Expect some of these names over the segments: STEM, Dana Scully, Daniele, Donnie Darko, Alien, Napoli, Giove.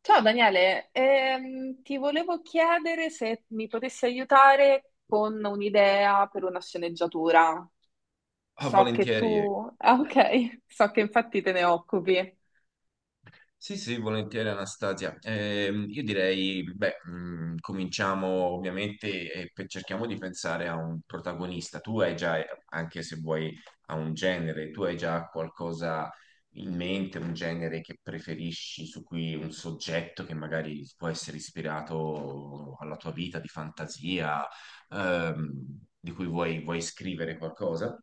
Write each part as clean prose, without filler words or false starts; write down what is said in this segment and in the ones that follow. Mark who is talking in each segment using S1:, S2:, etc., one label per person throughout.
S1: Ciao Daniele, ti volevo chiedere se mi potessi aiutare con un'idea per una sceneggiatura.
S2: Ah,
S1: So che
S2: volentieri.
S1: tu... Ah, ok, so che infatti te ne occupi.
S2: Sì, sì, volentieri Anastasia. Io direi, beh, cominciamo ovviamente e cerchiamo di pensare a un protagonista. Tu hai già, anche se vuoi, a un genere, tu hai già qualcosa in mente, un genere che preferisci, su cui un soggetto che magari può essere ispirato alla tua vita di fantasia, ehm, di cui vuoi scrivere qualcosa?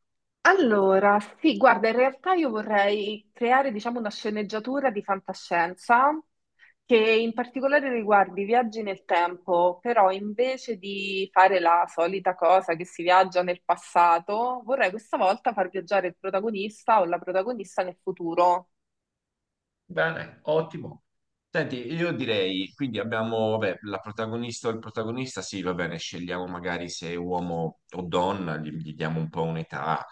S1: Allora, sì, guarda, in realtà io vorrei creare, diciamo, una sceneggiatura di fantascienza che in particolare riguardi i viaggi nel tempo, però invece di fare la solita cosa che si viaggia nel passato, vorrei questa volta far viaggiare il protagonista o la protagonista nel futuro.
S2: Bene, ottimo. Senti, io direi, quindi abbiamo, vabbè, la protagonista o il protagonista, sì, va bene, scegliamo magari se è uomo o donna, gli diamo un po' un'età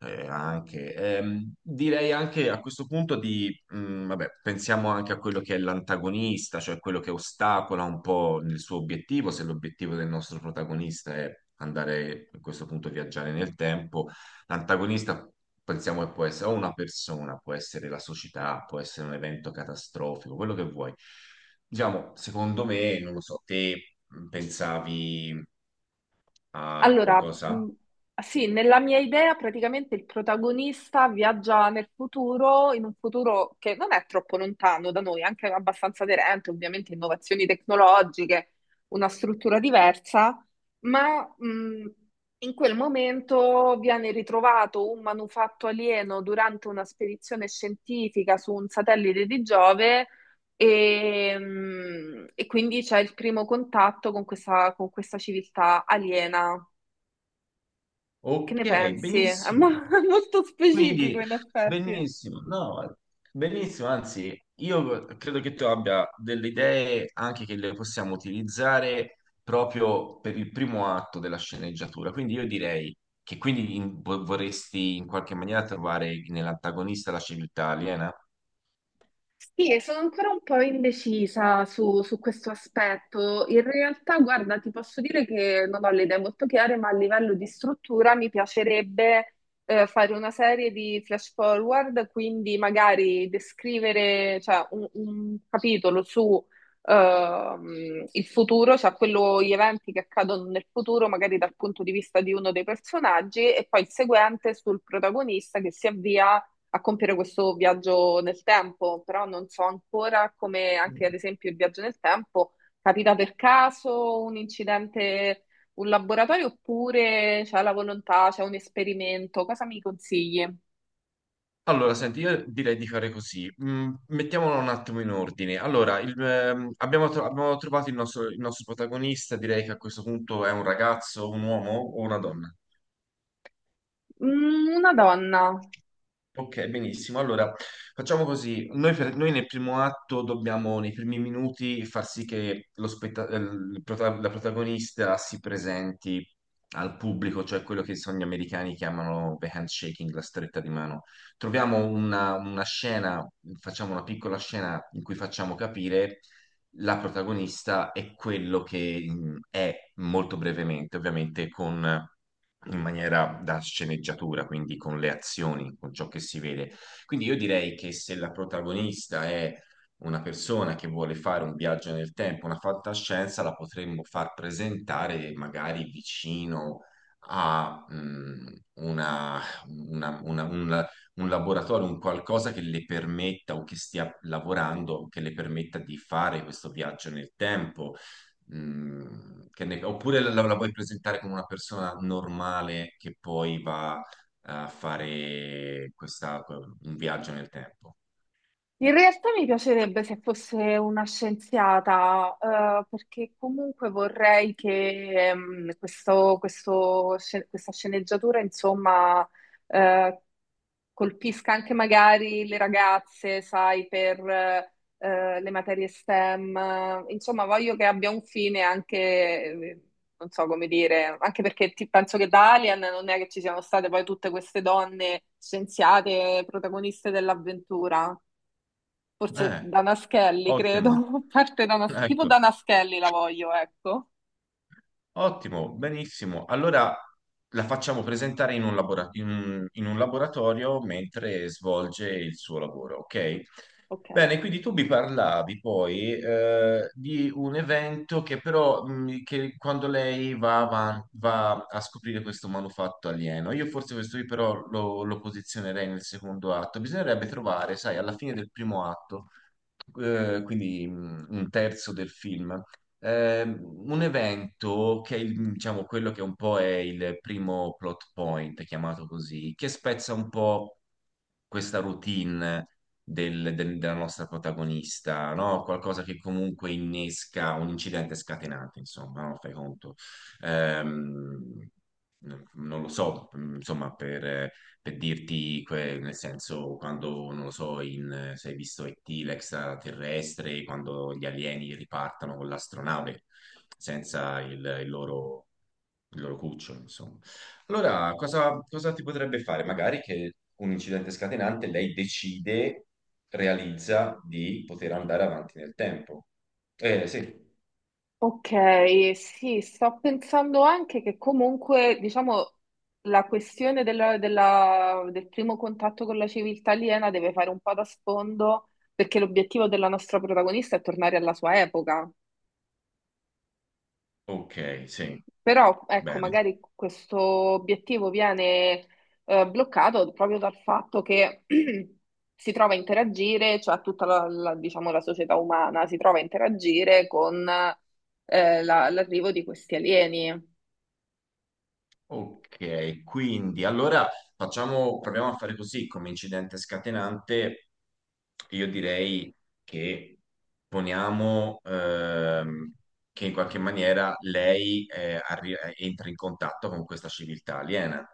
S2: anche. Direi anche a questo punto di, vabbè, pensiamo anche a quello che è l'antagonista, cioè quello che ostacola un po' il suo obiettivo, se l'obiettivo del nostro protagonista è andare a questo punto a viaggiare nel tempo. L'antagonista pensiamo che può essere o una persona, può essere la società, può essere un evento catastrofico, quello che vuoi. Diciamo, secondo me, non lo so, te pensavi a
S1: Allora,
S2: qualcosa?
S1: sì, nella mia idea praticamente il protagonista viaggia nel futuro, in un futuro che non è troppo lontano da noi, anche abbastanza aderente, ovviamente innovazioni tecnologiche, una struttura diversa, ma in quel momento viene ritrovato un manufatto alieno durante una spedizione scientifica su un satellite di Giove. E, e quindi c'è il primo contatto con con questa civiltà aliena, che
S2: Ok,
S1: ne pensi? È
S2: benissimo.
S1: molto
S2: Quindi,
S1: specifico in effetti.
S2: benissimo, no, benissimo, anzi, io credo che tu abbia delle idee anche che le possiamo utilizzare proprio per il primo atto della sceneggiatura. Quindi io direi che quindi vorresti in qualche maniera trovare nell'antagonista la civiltà aliena.
S1: Sì, e sono ancora un po' indecisa su questo aspetto. In realtà, guarda, ti posso dire che non ho le idee molto chiare, ma a livello di struttura mi piacerebbe fare una serie di flash forward, quindi magari descrivere, cioè, un capitolo su il futuro, cioè quello, gli eventi che accadono nel futuro, magari dal punto di vista di uno dei personaggi, e poi il seguente sul protagonista che si avvia a compiere questo viaggio nel tempo, però non so ancora come anche ad esempio il viaggio nel tempo capita per caso un incidente, un laboratorio oppure c'è la volontà, c'è un esperimento, cosa mi consigli?
S2: Allora, senti, io direi di fare così. Mm, mettiamolo un attimo in ordine. Allora, abbiamo, abbiamo trovato il nostro protagonista, direi che a questo punto è un ragazzo, un uomo o una donna?
S1: Mm, una donna.
S2: Ok, benissimo. Allora, facciamo così. Noi, noi nel primo atto dobbiamo, nei primi minuti, far sì che lo la protagonista si presenti al pubblico, cioè quello che sono gli americani chiamano the handshaking, la stretta di mano. Troviamo una scena, facciamo una piccola scena in cui facciamo capire la protagonista e quello che mm, è molto brevemente, ovviamente con in maniera da sceneggiatura, quindi con le azioni, con ciò che si vede. Quindi io direi che se la protagonista è una persona che vuole fare un viaggio nel tempo, una fantascienza, la potremmo far presentare magari vicino a mm, una- una- una- un, un laboratorio, un qualcosa che le permetta o che stia lavorando, che le permetta di fare questo viaggio nel tempo. Mm, che oppure la vuoi presentare come una persona normale che poi va a fare questa, un viaggio nel tempo.
S1: In realtà mi piacerebbe se fosse una scienziata, perché comunque vorrei che questa sceneggiatura, insomma, eh, colpisca anche magari le ragazze, sai, per le materie STEM. Insomma, voglio che abbia un fine anche, non so come dire, anche perché penso che da Alien non è che ci siano state poi tutte queste donne scienziate, protagoniste dell'avventura. Forse
S2: Eh,
S1: Dana Scully, credo,
S2: ottimo.
S1: parte Dana, tipo
S2: Ecco,
S1: Dana Scully la voglio, ecco.
S2: ottimo, benissimo. Allora la facciamo presentare in un, labora- in un laboratorio mentre svolge il suo lavoro, ok?
S1: Ok.
S2: Bene, quindi tu mi parlavi poi di un evento che però che quando lei va, va a scoprire questo manufatto alieno, io forse questo qui però lo posizionerei nel secondo atto. Bisognerebbe trovare, sai, alla fine del primo atto quindi un terzo del film. Un evento che è diciamo, quello che un po' è il primo plot point, chiamato così, che spezza un po' questa routine della nostra protagonista, no? Qualcosa che comunque innesca un incidente scatenante, insomma, no? Fai conto. Ehm, Non lo so, insomma, per dirti, nel senso, quando, non lo so, in, se hai visto E.T., l'extraterrestre, quando gli alieni ripartano con l'astronave senza il loro il loro cucciolo, insomma. Allora, cosa, cosa ti potrebbe fare? Magari che un incidente scatenante lei decide, realizza di poter andare avanti nel tempo. Sì.
S1: Ok, sì, sto pensando anche che comunque, diciamo, la questione del primo contatto con la civiltà aliena deve fare un po' da sfondo, perché l'obiettivo della nostra protagonista è tornare alla sua epoca.
S2: Ok, sì,
S1: Però, ecco,
S2: bene.
S1: magari questo obiettivo bloccato proprio dal fatto che si trova a interagire, cioè tutta diciamo, la società umana si trova a interagire con l'arrivo di questi alieni.
S2: Ok, quindi allora facciamo, proviamo a fare così come incidente scatenante. Io direi che poniamo che in qualche maniera lei entra in contatto con questa civiltà aliena.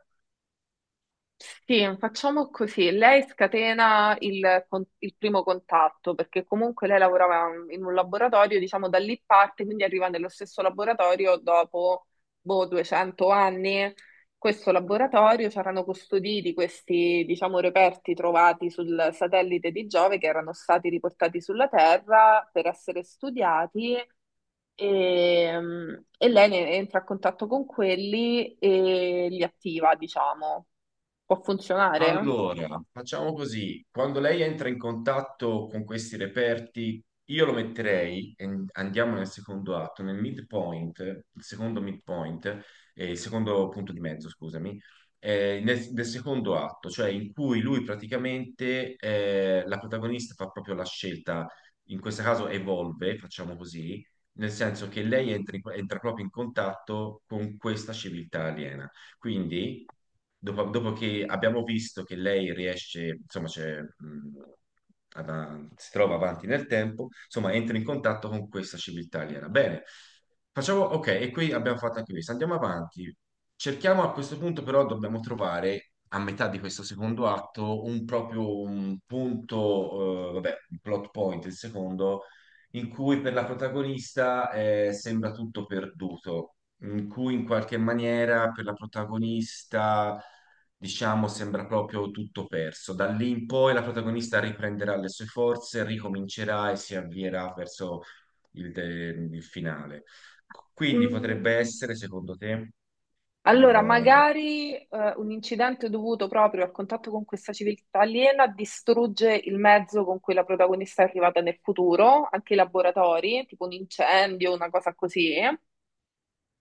S1: Sì, facciamo così. Lei scatena il primo contatto perché comunque lei lavorava in un laboratorio, diciamo da lì parte, quindi arriva nello stesso laboratorio dopo boh, 200 anni. Questo laboratorio c'erano custoditi questi, diciamo, reperti trovati sul satellite di Giove che erano stati riportati sulla Terra per essere studiati e, e lei entra a contatto con quelli e li attiva, diciamo. Può funzionare?
S2: Allora, facciamo così, quando lei entra in contatto con questi reperti, io lo metterei, e andiamo nel secondo atto, nel midpoint, il secondo punto di mezzo, scusami, nel secondo atto, cioè in cui lui praticamente, la protagonista fa proprio la scelta, in questo caso evolve, facciamo così, nel senso che entra proprio in contatto con questa civiltà aliena. Quindi, dopo che abbiamo visto che lei riesce, insomma, c'è, si trova avanti nel tempo, insomma, entra in contatto con questa civiltà aliena. Bene, facciamo, ok, e qui abbiamo fatto anche questo, andiamo avanti. Cerchiamo a questo punto però dobbiamo trovare a metà di questo secondo atto un proprio un punto, vabbè, un plot point, il secondo, in cui per la protagonista sembra tutto perduto in cui in qualche maniera per la protagonista, diciamo, sembra proprio tutto perso. Da lì in poi la protagonista riprenderà le sue forze, ricomincerà e si avvierà verso il finale. Quindi potrebbe
S1: Mm,
S2: essere, secondo te,
S1: Allora,
S2: ecco.
S1: magari un incidente dovuto proprio al contatto con questa civiltà aliena distrugge il mezzo con cui la protagonista è arrivata nel futuro, anche i laboratori, tipo un incendio, una cosa così.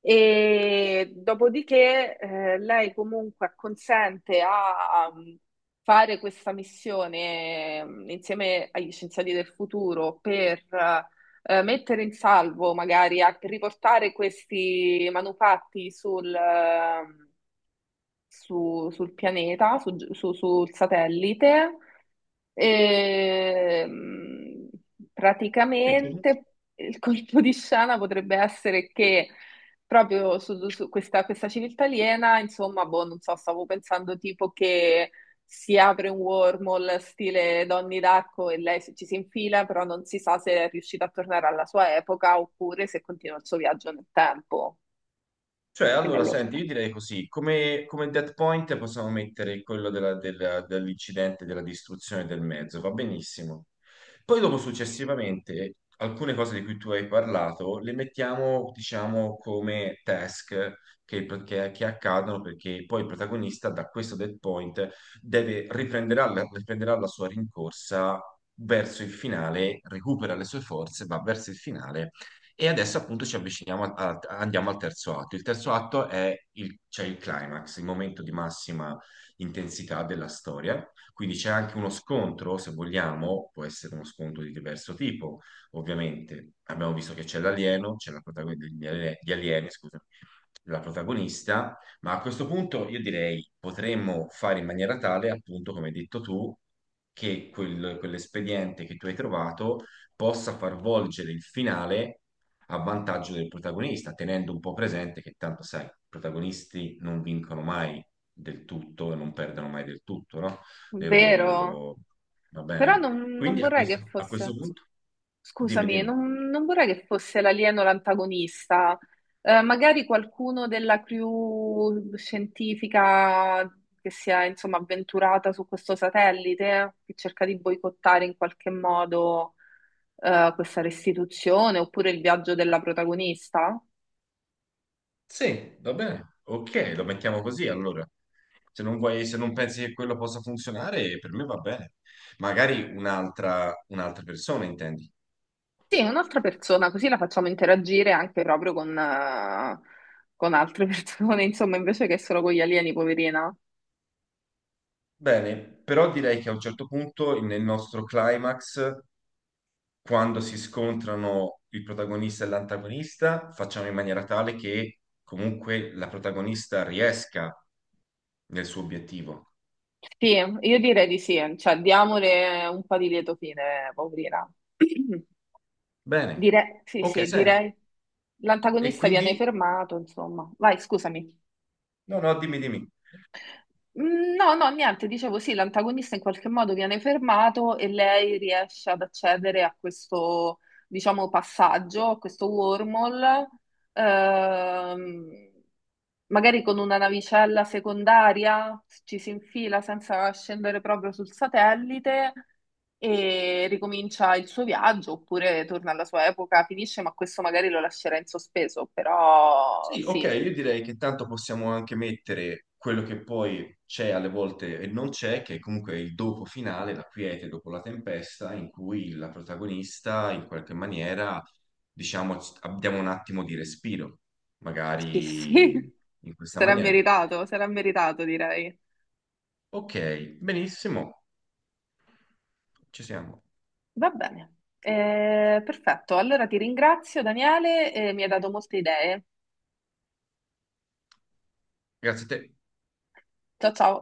S1: E dopodiché lei comunque acconsente a fare questa missione insieme agli scienziati del futuro per mettere in salvo, magari a per riportare questi manufatti sul sul pianeta, sul satellite. Ehm,
S2: Sì.
S1: praticamente il colpo di scena potrebbe essere che proprio su questa civiltà aliena, insomma, boh, non so, stavo pensando tipo che si apre un wormhole stile Donnie Darko e lei ci si infila, però non si sa se è riuscita a tornare alla sua epoca oppure se continua il suo viaggio nel tempo
S2: Cioè,
S1: e
S2: allora,
S1: nell'ora.
S2: senti, io direi così, come, come dead point possiamo mettere quello dell'incidente, della distruzione del mezzo, va benissimo. Poi dopo, successivamente, alcune cose di cui tu hai parlato le mettiamo, diciamo, come task che, che accadono perché poi il protagonista da questo dead point riprenderà la sua rincorsa verso il finale, recupera le sue forze, va verso il finale e adesso appunto ci avviciniamo, andiamo al terzo atto. Il terzo atto è il, c'è il climax, il momento di massima intensità della storia. Quindi c'è anche uno scontro, se vogliamo, può essere uno scontro di diverso tipo, ovviamente. Abbiamo visto che c'è l'alieno, c'è la protagonista degli alieni, la protagonista, ma a questo punto io direi potremmo fare in maniera tale, appunto, come hai detto tu, che quell'espediente che tu hai trovato possa far volgere il finale a vantaggio del protagonista, tenendo un po' presente che tanto sai, i protagonisti non vincono mai del tutto e non perdono mai del tutto, no? Le
S1: Vero?
S2: loro- Va
S1: Però
S2: bene?
S1: non
S2: Quindi a
S1: vorrei che
S2: a questo
S1: fosse.
S2: punto, dimmi,
S1: Scusami,
S2: dimmi.
S1: non vorrei che fosse l'alieno l'antagonista. Magari qualcuno della crew scientifica che si è, insomma, avventurata su questo satellite, che cerca di boicottare in qualche modo, questa restituzione, oppure il viaggio della protagonista.
S2: Sì, va bene. Ok, lo mettiamo così allora. Se non vuoi, se non pensi che quello possa funzionare, per me va bene. Magari un'altra persona, intendi.
S1: Sì, un'altra persona, così la facciamo interagire anche proprio con altre persone, insomma, invece che solo con gli alieni, poverina.
S2: Bene, però direi che a un certo punto nel nostro climax, quando si scontrano il protagonista e l'antagonista, facciamo in maniera tale che comunque la protagonista riesca nel suo obiettivo.
S1: Sì, io direi di sì, cioè diamole un po' di lieto fine, poverina.
S2: Bene.
S1: Direi, sì,
S2: Ok,
S1: sì,
S2: senti.
S1: direi.
S2: E
S1: L'antagonista viene
S2: quindi...
S1: fermato, insomma. Vai, scusami.
S2: No, no, dimmi, dimmi.
S1: Mm, no, no, niente, dicevo sì, l'antagonista in qualche modo viene fermato e lei riesce ad accedere a questo, diciamo, passaggio, a questo wormhole, ehm, magari con una navicella secondaria, ci si infila senza scendere proprio sul satellite e ricomincia il suo viaggio, oppure torna alla sua epoca, finisce, ma questo magari lo lascerà in sospeso, però
S2: Sì, ok,
S1: sì,
S2: io direi che tanto possiamo anche mettere quello che poi c'è alle volte e non c'è, che è comunque il dopo finale, la quiete dopo la tempesta, in cui la protagonista in qualche maniera, diciamo, abbiamo un attimo di respiro,
S1: sì,
S2: magari
S1: sì.
S2: in questa maniera.
S1: Sarà meritato, direi.
S2: Ok, benissimo, ci siamo.
S1: Va bene, eh, perfetto. Allora ti ringrazio, Daniele, mi hai dato molte idee.
S2: Grazie a te.
S1: Ciao ciao.